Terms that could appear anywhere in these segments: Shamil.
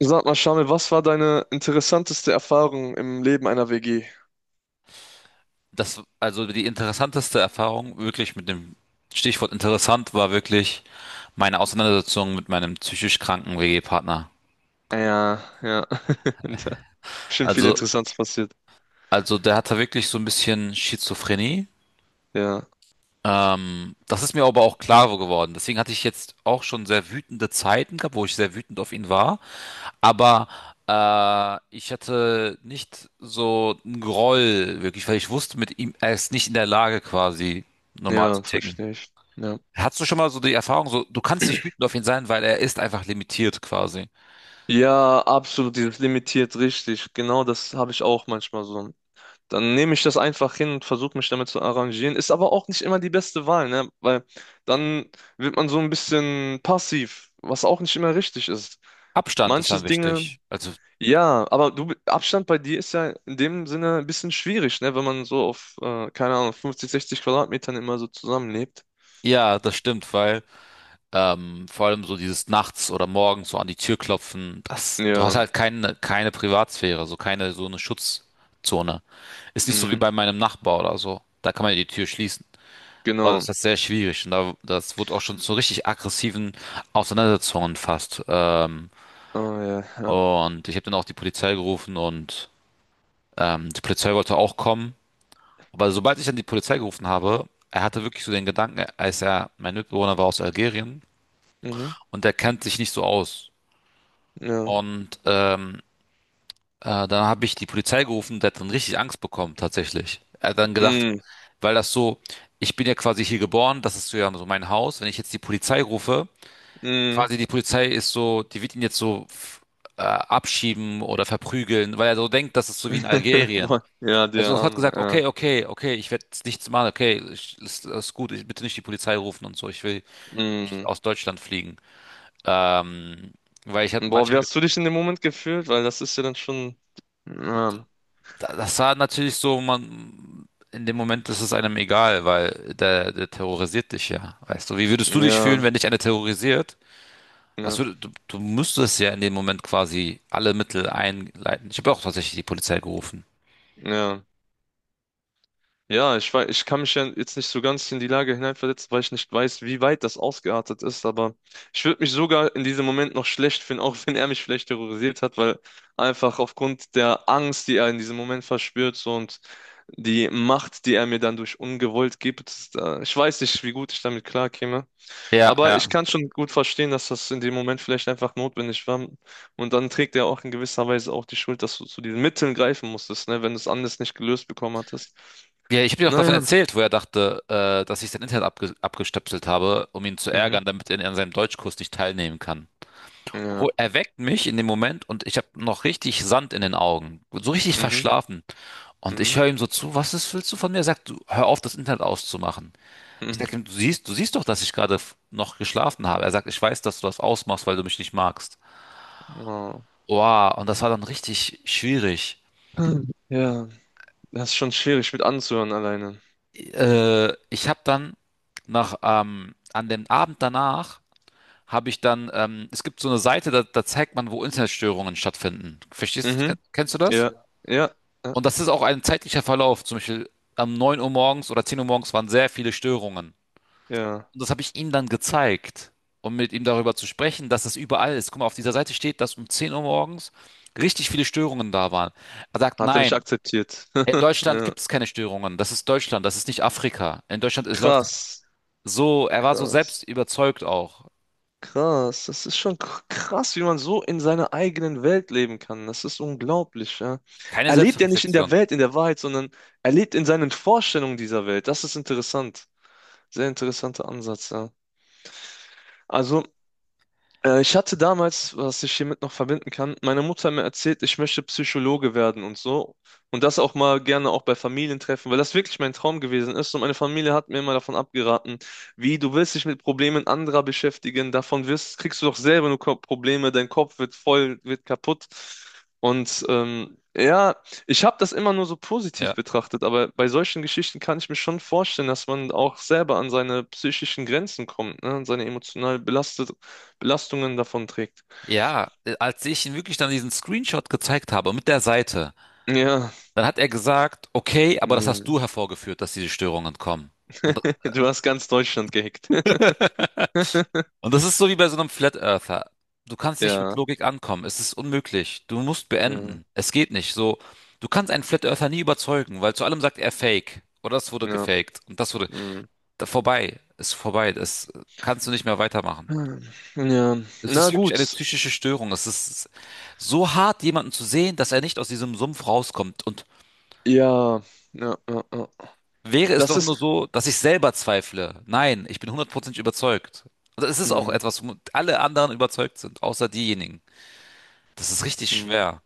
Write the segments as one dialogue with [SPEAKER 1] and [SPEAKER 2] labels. [SPEAKER 1] Sag mal, Shamil, was war deine interessanteste Erfahrung im Leben einer WG?
[SPEAKER 2] Das, also die interessanteste Erfahrung, wirklich mit dem Stichwort interessant, war wirklich meine Auseinandersetzung mit meinem psychisch kranken WG-Partner.
[SPEAKER 1] Ja, ja. Da bestimmt viel
[SPEAKER 2] Also,
[SPEAKER 1] Interessantes passiert.
[SPEAKER 2] also der hatte wirklich so ein bisschen Schizophrenie.
[SPEAKER 1] Ja,
[SPEAKER 2] Das ist mir aber auch klar geworden. Deswegen hatte ich jetzt auch schon sehr wütende Zeiten gehabt, wo ich sehr wütend auf ihn war. Aber ich hatte nicht so einen Groll wirklich, weil ich wusste mit ihm, er ist nicht in der Lage quasi normal
[SPEAKER 1] ja,
[SPEAKER 2] zu ticken.
[SPEAKER 1] verstehe ich. Ja.
[SPEAKER 2] Hast du schon mal so die Erfahrung, so du kannst nicht wütend auf ihn sein, weil er ist einfach limitiert quasi.
[SPEAKER 1] Ja, absolut, dieses limitiert richtig. Genau das habe ich auch manchmal so. Dann nehme ich das einfach hin und versuche mich damit zu arrangieren. Ist aber auch nicht immer die beste Wahl, ne? Weil dann wird man so ein bisschen passiv, was auch nicht immer richtig ist.
[SPEAKER 2] Abstand ist dann
[SPEAKER 1] Manches Dinge.
[SPEAKER 2] wichtig. Also
[SPEAKER 1] Ja, aber du, Abstand bei dir ist ja in dem Sinne ein bisschen schwierig, ne? Wenn man so auf, keine Ahnung, 50, 60 Quadratmetern immer so zusammenlebt.
[SPEAKER 2] ja, das stimmt, weil vor allem so dieses nachts oder morgens so an die Tür klopfen, das, du hast
[SPEAKER 1] Ja,
[SPEAKER 2] halt keine Privatsphäre, so keine so eine Schutzzone. Ist nicht so wie
[SPEAKER 1] mm,
[SPEAKER 2] bei meinem Nachbar oder so. Da kann man ja die Tür schließen. Aber das ist
[SPEAKER 1] genau.
[SPEAKER 2] halt sehr schwierig und da, das wurde auch schon zu richtig aggressiven Auseinandersetzungen fast.
[SPEAKER 1] Oh ja, ja.
[SPEAKER 2] Und ich habe dann auch die Polizei gerufen und die Polizei wollte auch kommen. Aber sobald ich dann die Polizei gerufen habe, er hatte wirklich so den Gedanken, als er, mein Mitbewohner war aus Algerien
[SPEAKER 1] Mhm,
[SPEAKER 2] und er kennt sich nicht so aus.
[SPEAKER 1] ja.
[SPEAKER 2] Und dann habe ich die Polizei gerufen, der hat dann richtig Angst bekommen, tatsächlich. Er hat dann gedacht,
[SPEAKER 1] Mm,
[SPEAKER 2] weil das so, ich bin ja quasi hier geboren, das ist so ja so mein Haus, wenn ich jetzt die Polizei rufe,
[SPEAKER 1] mm.
[SPEAKER 2] quasi die Polizei ist so, die wird ihn jetzt so abschieben oder verprügeln, weil er so denkt, das ist so wie in Algerien.
[SPEAKER 1] Boah, ja,
[SPEAKER 2] Also
[SPEAKER 1] der
[SPEAKER 2] sofort
[SPEAKER 1] Arme,
[SPEAKER 2] gesagt,
[SPEAKER 1] ja.
[SPEAKER 2] okay, okay, okay, ich werde nichts machen, okay, ich, ist gut, ich, bitte nicht die Polizei rufen und so, ich will
[SPEAKER 1] Mm.
[SPEAKER 2] aus Deutschland fliegen. Ähm, Weil ich hatte
[SPEAKER 1] Boah, wie
[SPEAKER 2] manche,
[SPEAKER 1] hast du dich in dem Moment gefühlt? Weil das ist ja dann schon. Ja,
[SPEAKER 2] das war natürlich so, man, in dem Moment ist es einem egal, weil der, der terrorisiert dich ja, weißt du. Wie würdest du dich
[SPEAKER 1] ja,
[SPEAKER 2] fühlen, wenn dich einer terrorisiert? Was
[SPEAKER 1] ja,
[SPEAKER 2] würd, du, du müsstest ja in dem Moment quasi alle Mittel einleiten. Ich habe auch tatsächlich die Polizei gerufen.
[SPEAKER 1] ja. Ja, ich weiß, ich kann mich ja jetzt nicht so ganz in die Lage hineinversetzen, weil ich nicht weiß, wie weit das ausgeartet ist, aber ich würde mich sogar in diesem Moment noch schlecht finden, auch wenn er mich vielleicht terrorisiert hat, weil einfach aufgrund der Angst, die er in diesem Moment verspürt so, und die Macht, die er mir dann durch Ungewollt gibt, ich weiß nicht, wie gut ich damit klarkäme,
[SPEAKER 2] Ja,
[SPEAKER 1] aber ich
[SPEAKER 2] ja.
[SPEAKER 1] kann schon gut verstehen, dass das in dem Moment vielleicht einfach notwendig war und dann trägt er auch in gewisser Weise auch die Schuld, dass du zu diesen Mitteln greifen musstest, ne, wenn du es anders nicht gelöst bekommen hattest.
[SPEAKER 2] Ja, ich habe dir auch davon
[SPEAKER 1] Naja.
[SPEAKER 2] erzählt, wo er dachte, dass ich sein Internet abgestöpselt habe, um ihn zu
[SPEAKER 1] Mhm.
[SPEAKER 2] ärgern, damit er an seinem Deutschkurs nicht teilnehmen kann.
[SPEAKER 1] Ja.
[SPEAKER 2] Er weckt mich in dem Moment und ich habe noch richtig Sand in den Augen, so richtig
[SPEAKER 1] Mhm.
[SPEAKER 2] verschlafen. Und ich
[SPEAKER 1] Mhm.
[SPEAKER 2] höre ihm so zu, was ist, willst du von mir? Er sagt, du, hör auf, das Internet auszumachen. Ich sage ihm, du siehst doch, dass ich gerade noch geschlafen habe. Er sagt, ich weiß, dass du das ausmachst, weil du mich nicht magst.
[SPEAKER 1] Mhm. Oh.
[SPEAKER 2] Wow, und das war dann richtig schwierig.
[SPEAKER 1] Hm. Ja, das ist schon schwierig mit anzuhören alleine.
[SPEAKER 2] Ich habe dann nach, an dem Abend danach habe ich dann, es gibt so eine Seite, da, da zeigt man, wo Internetstörungen stattfinden. Verstehst,
[SPEAKER 1] Mhm.
[SPEAKER 2] kennst du das?
[SPEAKER 1] Ja.
[SPEAKER 2] Ja.
[SPEAKER 1] Ja. Ja.
[SPEAKER 2] Und das ist auch ein zeitlicher Verlauf. Zum Beispiel am 9 Uhr morgens oder 10 Uhr morgens waren sehr viele Störungen.
[SPEAKER 1] Ja.
[SPEAKER 2] Und das habe ich ihm dann gezeigt, um mit ihm darüber zu sprechen, dass das überall ist. Guck mal, auf dieser Seite steht, dass um 10 Uhr morgens richtig viele Störungen da waren. Er sagt,
[SPEAKER 1] Hat er nicht
[SPEAKER 2] nein,
[SPEAKER 1] akzeptiert.
[SPEAKER 2] in Deutschland
[SPEAKER 1] Ja.
[SPEAKER 2] gibt es keine Störungen. Das ist Deutschland, das ist nicht Afrika. In Deutschland ist, läuft es
[SPEAKER 1] Krass.
[SPEAKER 2] so. Er war so
[SPEAKER 1] Krass.
[SPEAKER 2] selbst überzeugt auch.
[SPEAKER 1] Krass. Das ist schon krass, wie man so in seiner eigenen Welt leben kann. Das ist unglaublich, ja.
[SPEAKER 2] Keine
[SPEAKER 1] Er lebt ja nicht in
[SPEAKER 2] Selbstreflexion.
[SPEAKER 1] der
[SPEAKER 2] Ja,
[SPEAKER 1] Welt, in der Wahrheit, sondern er lebt in seinen Vorstellungen dieser Welt. Das ist interessant. Sehr interessanter Ansatz, ja. Also, ich hatte damals, was ich hiermit noch verbinden kann, meine Mutter hat mir erzählt, ich möchte Psychologe werden und so. Und das auch mal gerne auch bei Familientreffen, weil das wirklich mein Traum gewesen ist. Und meine Familie hat mir immer davon abgeraten, wie du willst dich mit Problemen anderer beschäftigen, davon wirst, kriegst du doch selber nur Probleme, dein Kopf wird voll, wird kaputt. Und ja, ich habe das immer nur so positiv
[SPEAKER 2] ja.
[SPEAKER 1] betrachtet, aber bei solchen Geschichten kann ich mir schon vorstellen, dass man auch selber an seine psychischen Grenzen kommt, ne? An seine emotional belastet, Belastungen davon trägt.
[SPEAKER 2] Ja, als ich ihm wirklich dann diesen Screenshot gezeigt habe mit der Seite,
[SPEAKER 1] Ja,
[SPEAKER 2] dann hat er gesagt, okay, aber das hast
[SPEAKER 1] nee.
[SPEAKER 2] du hervorgeführt, dass diese Störungen kommen. Und,
[SPEAKER 1] Du hast ganz Deutschland gehackt.
[SPEAKER 2] und das ist so wie bei so einem Flat Earther. Du kannst nicht mit
[SPEAKER 1] Ja,
[SPEAKER 2] Logik ankommen. Es ist unmöglich. Du musst
[SPEAKER 1] ja,
[SPEAKER 2] beenden. Es geht nicht. So, du kannst einen Flat Earther nie überzeugen, weil zu allem sagt er Fake. Oder das wurde
[SPEAKER 1] ja.
[SPEAKER 2] gefaked. Und das wurde
[SPEAKER 1] Mm.
[SPEAKER 2] da, vorbei. Ist vorbei. Das kannst du nicht mehr weitermachen.
[SPEAKER 1] Ja,
[SPEAKER 2] Es ist
[SPEAKER 1] na
[SPEAKER 2] wirklich eine
[SPEAKER 1] gut.
[SPEAKER 2] psychische Störung. Es ist so hart, jemanden zu sehen, dass er nicht aus diesem Sumpf rauskommt. Und
[SPEAKER 1] Ja, ja, ja, ja.
[SPEAKER 2] wäre es
[SPEAKER 1] Das
[SPEAKER 2] doch
[SPEAKER 1] ist.
[SPEAKER 2] nur so, dass ich selber zweifle. Nein, ich bin hundertprozentig überzeugt. Also es ist auch
[SPEAKER 1] Mm,
[SPEAKER 2] etwas, wo alle anderen überzeugt sind, außer diejenigen. Das ist richtig
[SPEAKER 1] mm.
[SPEAKER 2] schwer.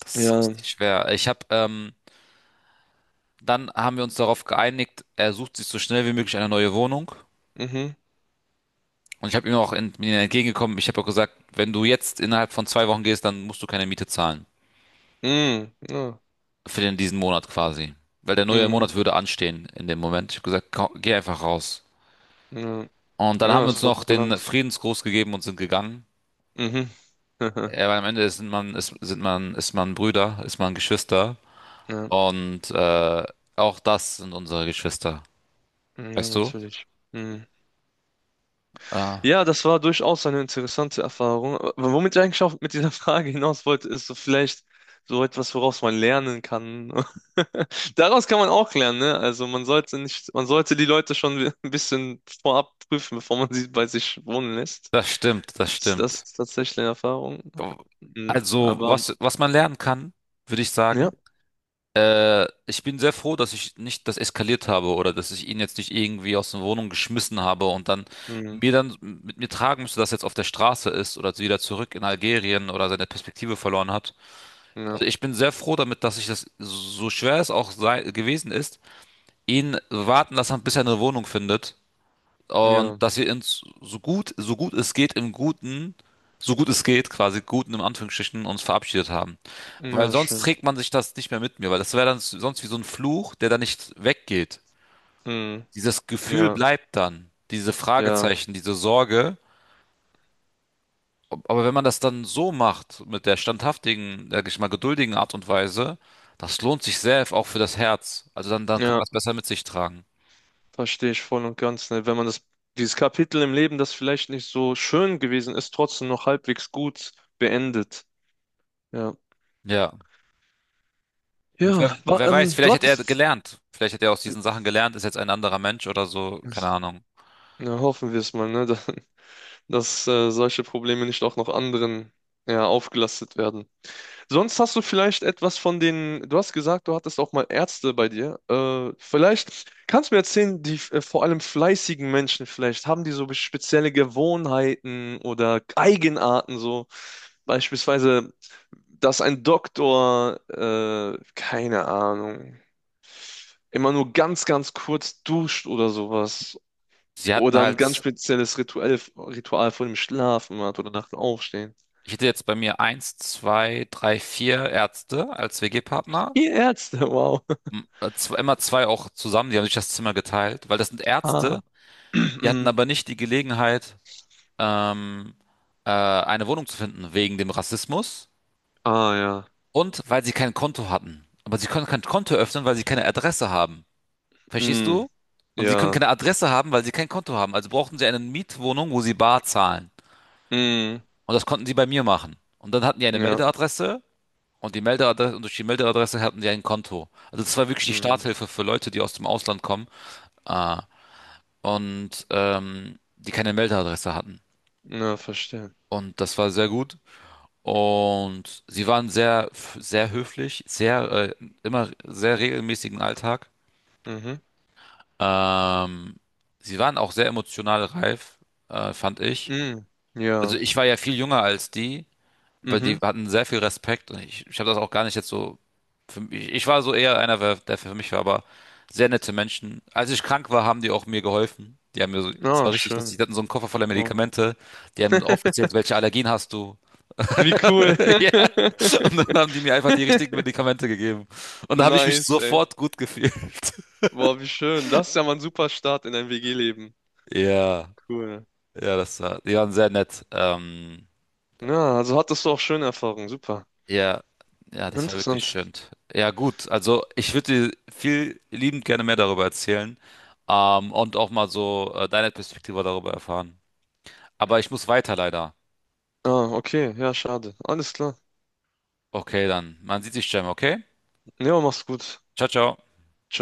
[SPEAKER 2] Das ist
[SPEAKER 1] Ja,
[SPEAKER 2] richtig schwer. Ich habe, dann haben wir uns darauf geeinigt, er sucht sich so schnell wie möglich eine neue Wohnung.
[SPEAKER 1] mhm.
[SPEAKER 2] Und ich habe ihm auch ent mir entgegengekommen. Ich habe auch gesagt, wenn du jetzt innerhalb von 2 Wochen gehst, dann musst du keine Miete zahlen.
[SPEAKER 1] Mm, ja,
[SPEAKER 2] Für den, diesen Monat quasi. Weil der neue
[SPEAKER 1] mm,
[SPEAKER 2] Monat würde anstehen in dem Moment. Ich habe gesagt, komm, geh einfach raus.
[SPEAKER 1] ja,
[SPEAKER 2] Und dann haben
[SPEAKER 1] ja,
[SPEAKER 2] wir uns
[SPEAKER 1] ist doch
[SPEAKER 2] Noch den
[SPEAKER 1] kulant.
[SPEAKER 2] Friedensgruß gegeben und sind gegangen.
[SPEAKER 1] Mhm.
[SPEAKER 2] Ja, weil am Ende ist man, ist, sind man, ist man Brüder, ist man Geschwister.
[SPEAKER 1] Ja,
[SPEAKER 2] Und auch das sind unsere Geschwister.
[SPEAKER 1] ja,
[SPEAKER 2] Weißt du?
[SPEAKER 1] natürlich. Mm.
[SPEAKER 2] Äh,
[SPEAKER 1] Ja, das war durchaus eine interessante Erfahrung. Aber womit ich eigentlich auch mit dieser Frage hinaus wollte, ist so vielleicht so etwas, woraus man lernen kann. Daraus kann man auch lernen, ne? Also man sollte nicht, man sollte die Leute schon ein bisschen vorab prüfen, bevor man sie bei sich wohnen lässt.
[SPEAKER 2] Das stimmt, das
[SPEAKER 1] Ist das
[SPEAKER 2] stimmt.
[SPEAKER 1] tatsächlich eine Erfahrung? Mhm,
[SPEAKER 2] Also,
[SPEAKER 1] aber
[SPEAKER 2] was man lernen kann, würde ich sagen.
[SPEAKER 1] ja,
[SPEAKER 2] Ich bin sehr froh, dass ich nicht das eskaliert habe oder dass ich ihn jetzt nicht irgendwie aus der Wohnung geschmissen habe und dann
[SPEAKER 1] mhm,
[SPEAKER 2] mir dann mit mir tragen müsste, dass er jetzt auf der Straße ist oder wieder zurück in Algerien oder seine Perspektive verloren hat.
[SPEAKER 1] ja,
[SPEAKER 2] Also ich bin sehr froh damit, dass ich das, so schwer es auch sei, gewesen ist, ihn warten lassen, bis er eine Wohnung findet. Und
[SPEAKER 1] ja,
[SPEAKER 2] dass wir uns so gut, so gut es geht, im Guten, so gut es geht, quasi Guten im Anführungsstrichen, uns verabschiedet haben. Weil
[SPEAKER 1] ja,
[SPEAKER 2] sonst
[SPEAKER 1] schön.
[SPEAKER 2] trägt man sich das nicht mehr mit mir, weil das wäre dann sonst wie so ein Fluch, der dann nicht weggeht.
[SPEAKER 1] Mhm,
[SPEAKER 2] Dieses Gefühl
[SPEAKER 1] ja,
[SPEAKER 2] bleibt dann. Diese
[SPEAKER 1] ja,
[SPEAKER 2] Fragezeichen, diese Sorge. Aber wenn man das dann so macht, mit der standhaftigen, sag ich mal, geduldigen Art und Weise, das lohnt sich sehr, auch für das Herz. Also dann kann man
[SPEAKER 1] ja.
[SPEAKER 2] das besser mit sich tragen.
[SPEAKER 1] Verstehe ich voll und ganz, ne? Wenn man das, dieses Kapitel im Leben, das vielleicht nicht so schön gewesen ist, trotzdem noch halbwegs gut beendet. Ja.
[SPEAKER 2] Ja. Und wer,
[SPEAKER 1] Ja,
[SPEAKER 2] wer weiß,
[SPEAKER 1] du
[SPEAKER 2] vielleicht hat er
[SPEAKER 1] hattest.
[SPEAKER 2] gelernt. Vielleicht hat er aus diesen Sachen gelernt, ist jetzt ein anderer Mensch oder so. Keine Ahnung.
[SPEAKER 1] Ja, hoffen wir es mal, ne? Dass, solche Probleme nicht auch noch anderen ja, aufgelastet werden. Sonst hast du vielleicht etwas von den, du hast gesagt, du hattest auch mal Ärzte bei dir. Vielleicht kannst du mir erzählen, die vor allem fleißigen Menschen vielleicht, haben die so spezielle Gewohnheiten oder Eigenarten so? Beispielsweise, dass ein Doktor, keine Ahnung, immer nur ganz, ganz kurz duscht oder sowas.
[SPEAKER 2] Sie hatten
[SPEAKER 1] Oder ein ganz
[SPEAKER 2] halt,
[SPEAKER 1] spezielles Ritual, Ritual vor dem Schlafen hat oder nach dem Aufstehen.
[SPEAKER 2] ich hätte jetzt bei mir eins, zwei, drei, vier Ärzte als WG-Partner.
[SPEAKER 1] Ihr Ärzte, wow.
[SPEAKER 2] Immer zwei auch zusammen, die haben sich das Zimmer geteilt, weil das sind
[SPEAKER 1] Ah.
[SPEAKER 2] Ärzte, die hatten aber nicht die Gelegenheit, ähm, eine Wohnung zu finden wegen dem Rassismus
[SPEAKER 1] Ah ja.
[SPEAKER 2] und weil sie kein Konto hatten. Aber sie können kein Konto öffnen, weil sie keine Adresse haben. Verstehst
[SPEAKER 1] Mm,
[SPEAKER 2] du? Und sie können
[SPEAKER 1] ja.
[SPEAKER 2] keine Adresse haben, weil sie kein Konto haben. Also brauchten sie eine Mietwohnung, wo sie bar zahlen.
[SPEAKER 1] Mm,
[SPEAKER 2] Und das konnten sie bei mir machen. Und dann hatten die eine
[SPEAKER 1] ja.
[SPEAKER 2] Meldeadresse und die Meldeadresse und durch die Meldeadresse hatten sie ein Konto. Also das war wirklich die
[SPEAKER 1] Mm,
[SPEAKER 2] Starthilfe für Leute, die aus dem Ausland kommen äh, und die keine Meldeadresse hatten.
[SPEAKER 1] ja, verstehe.
[SPEAKER 2] Und das war sehr gut. Und sie waren sehr, sehr höflich, sehr, immer sehr regelmäßigen Alltag.
[SPEAKER 1] Mhm.
[SPEAKER 2] Ähm, Sie waren auch sehr emotional reif, fand ich.
[SPEAKER 1] Mm,
[SPEAKER 2] Also
[SPEAKER 1] ja.
[SPEAKER 2] ich war ja viel jünger als die, weil die
[SPEAKER 1] Mhm.
[SPEAKER 2] hatten sehr viel Respekt und ich habe das auch gar nicht jetzt so. Für mich, ich war so eher einer, der für mich war, aber sehr nette Menschen. Als ich krank war, haben die auch mir geholfen. Die haben mir so, es
[SPEAKER 1] Ah,
[SPEAKER 2] war richtig lustig,
[SPEAKER 1] schön.
[SPEAKER 2] die hatten so einen Koffer voller
[SPEAKER 1] Wow.
[SPEAKER 2] Medikamente, die haben aufgezählt, welche Allergien hast du.
[SPEAKER 1] Wie cool.
[SPEAKER 2] Ja. Und dann haben die mir einfach die richtigen Medikamente gegeben. Und da habe ich mich
[SPEAKER 1] Nice, ey.
[SPEAKER 2] sofort gut gefühlt.
[SPEAKER 1] Boah, wie schön. Das ist ja mal ein super Start in ein WG-Leben.
[SPEAKER 2] Ja,
[SPEAKER 1] Cool.
[SPEAKER 2] ja, das war, die waren sehr nett.
[SPEAKER 1] Ja, also hattest du auch schöne Erfahrungen. Super.
[SPEAKER 2] Ja, ja, das war wirklich
[SPEAKER 1] Interessant.
[SPEAKER 2] schön. Ja, gut, also ich würde dir viel liebend gerne mehr darüber erzählen, und auch mal so deine Perspektive darüber erfahren. Aber ich muss weiter leider.
[SPEAKER 1] Ah, okay. Ja, schade. Alles klar.
[SPEAKER 2] Okay, dann. Man sieht sich, Jam, okay?
[SPEAKER 1] Ja, mach's gut.
[SPEAKER 2] Ciao, ciao.
[SPEAKER 1] Ciao.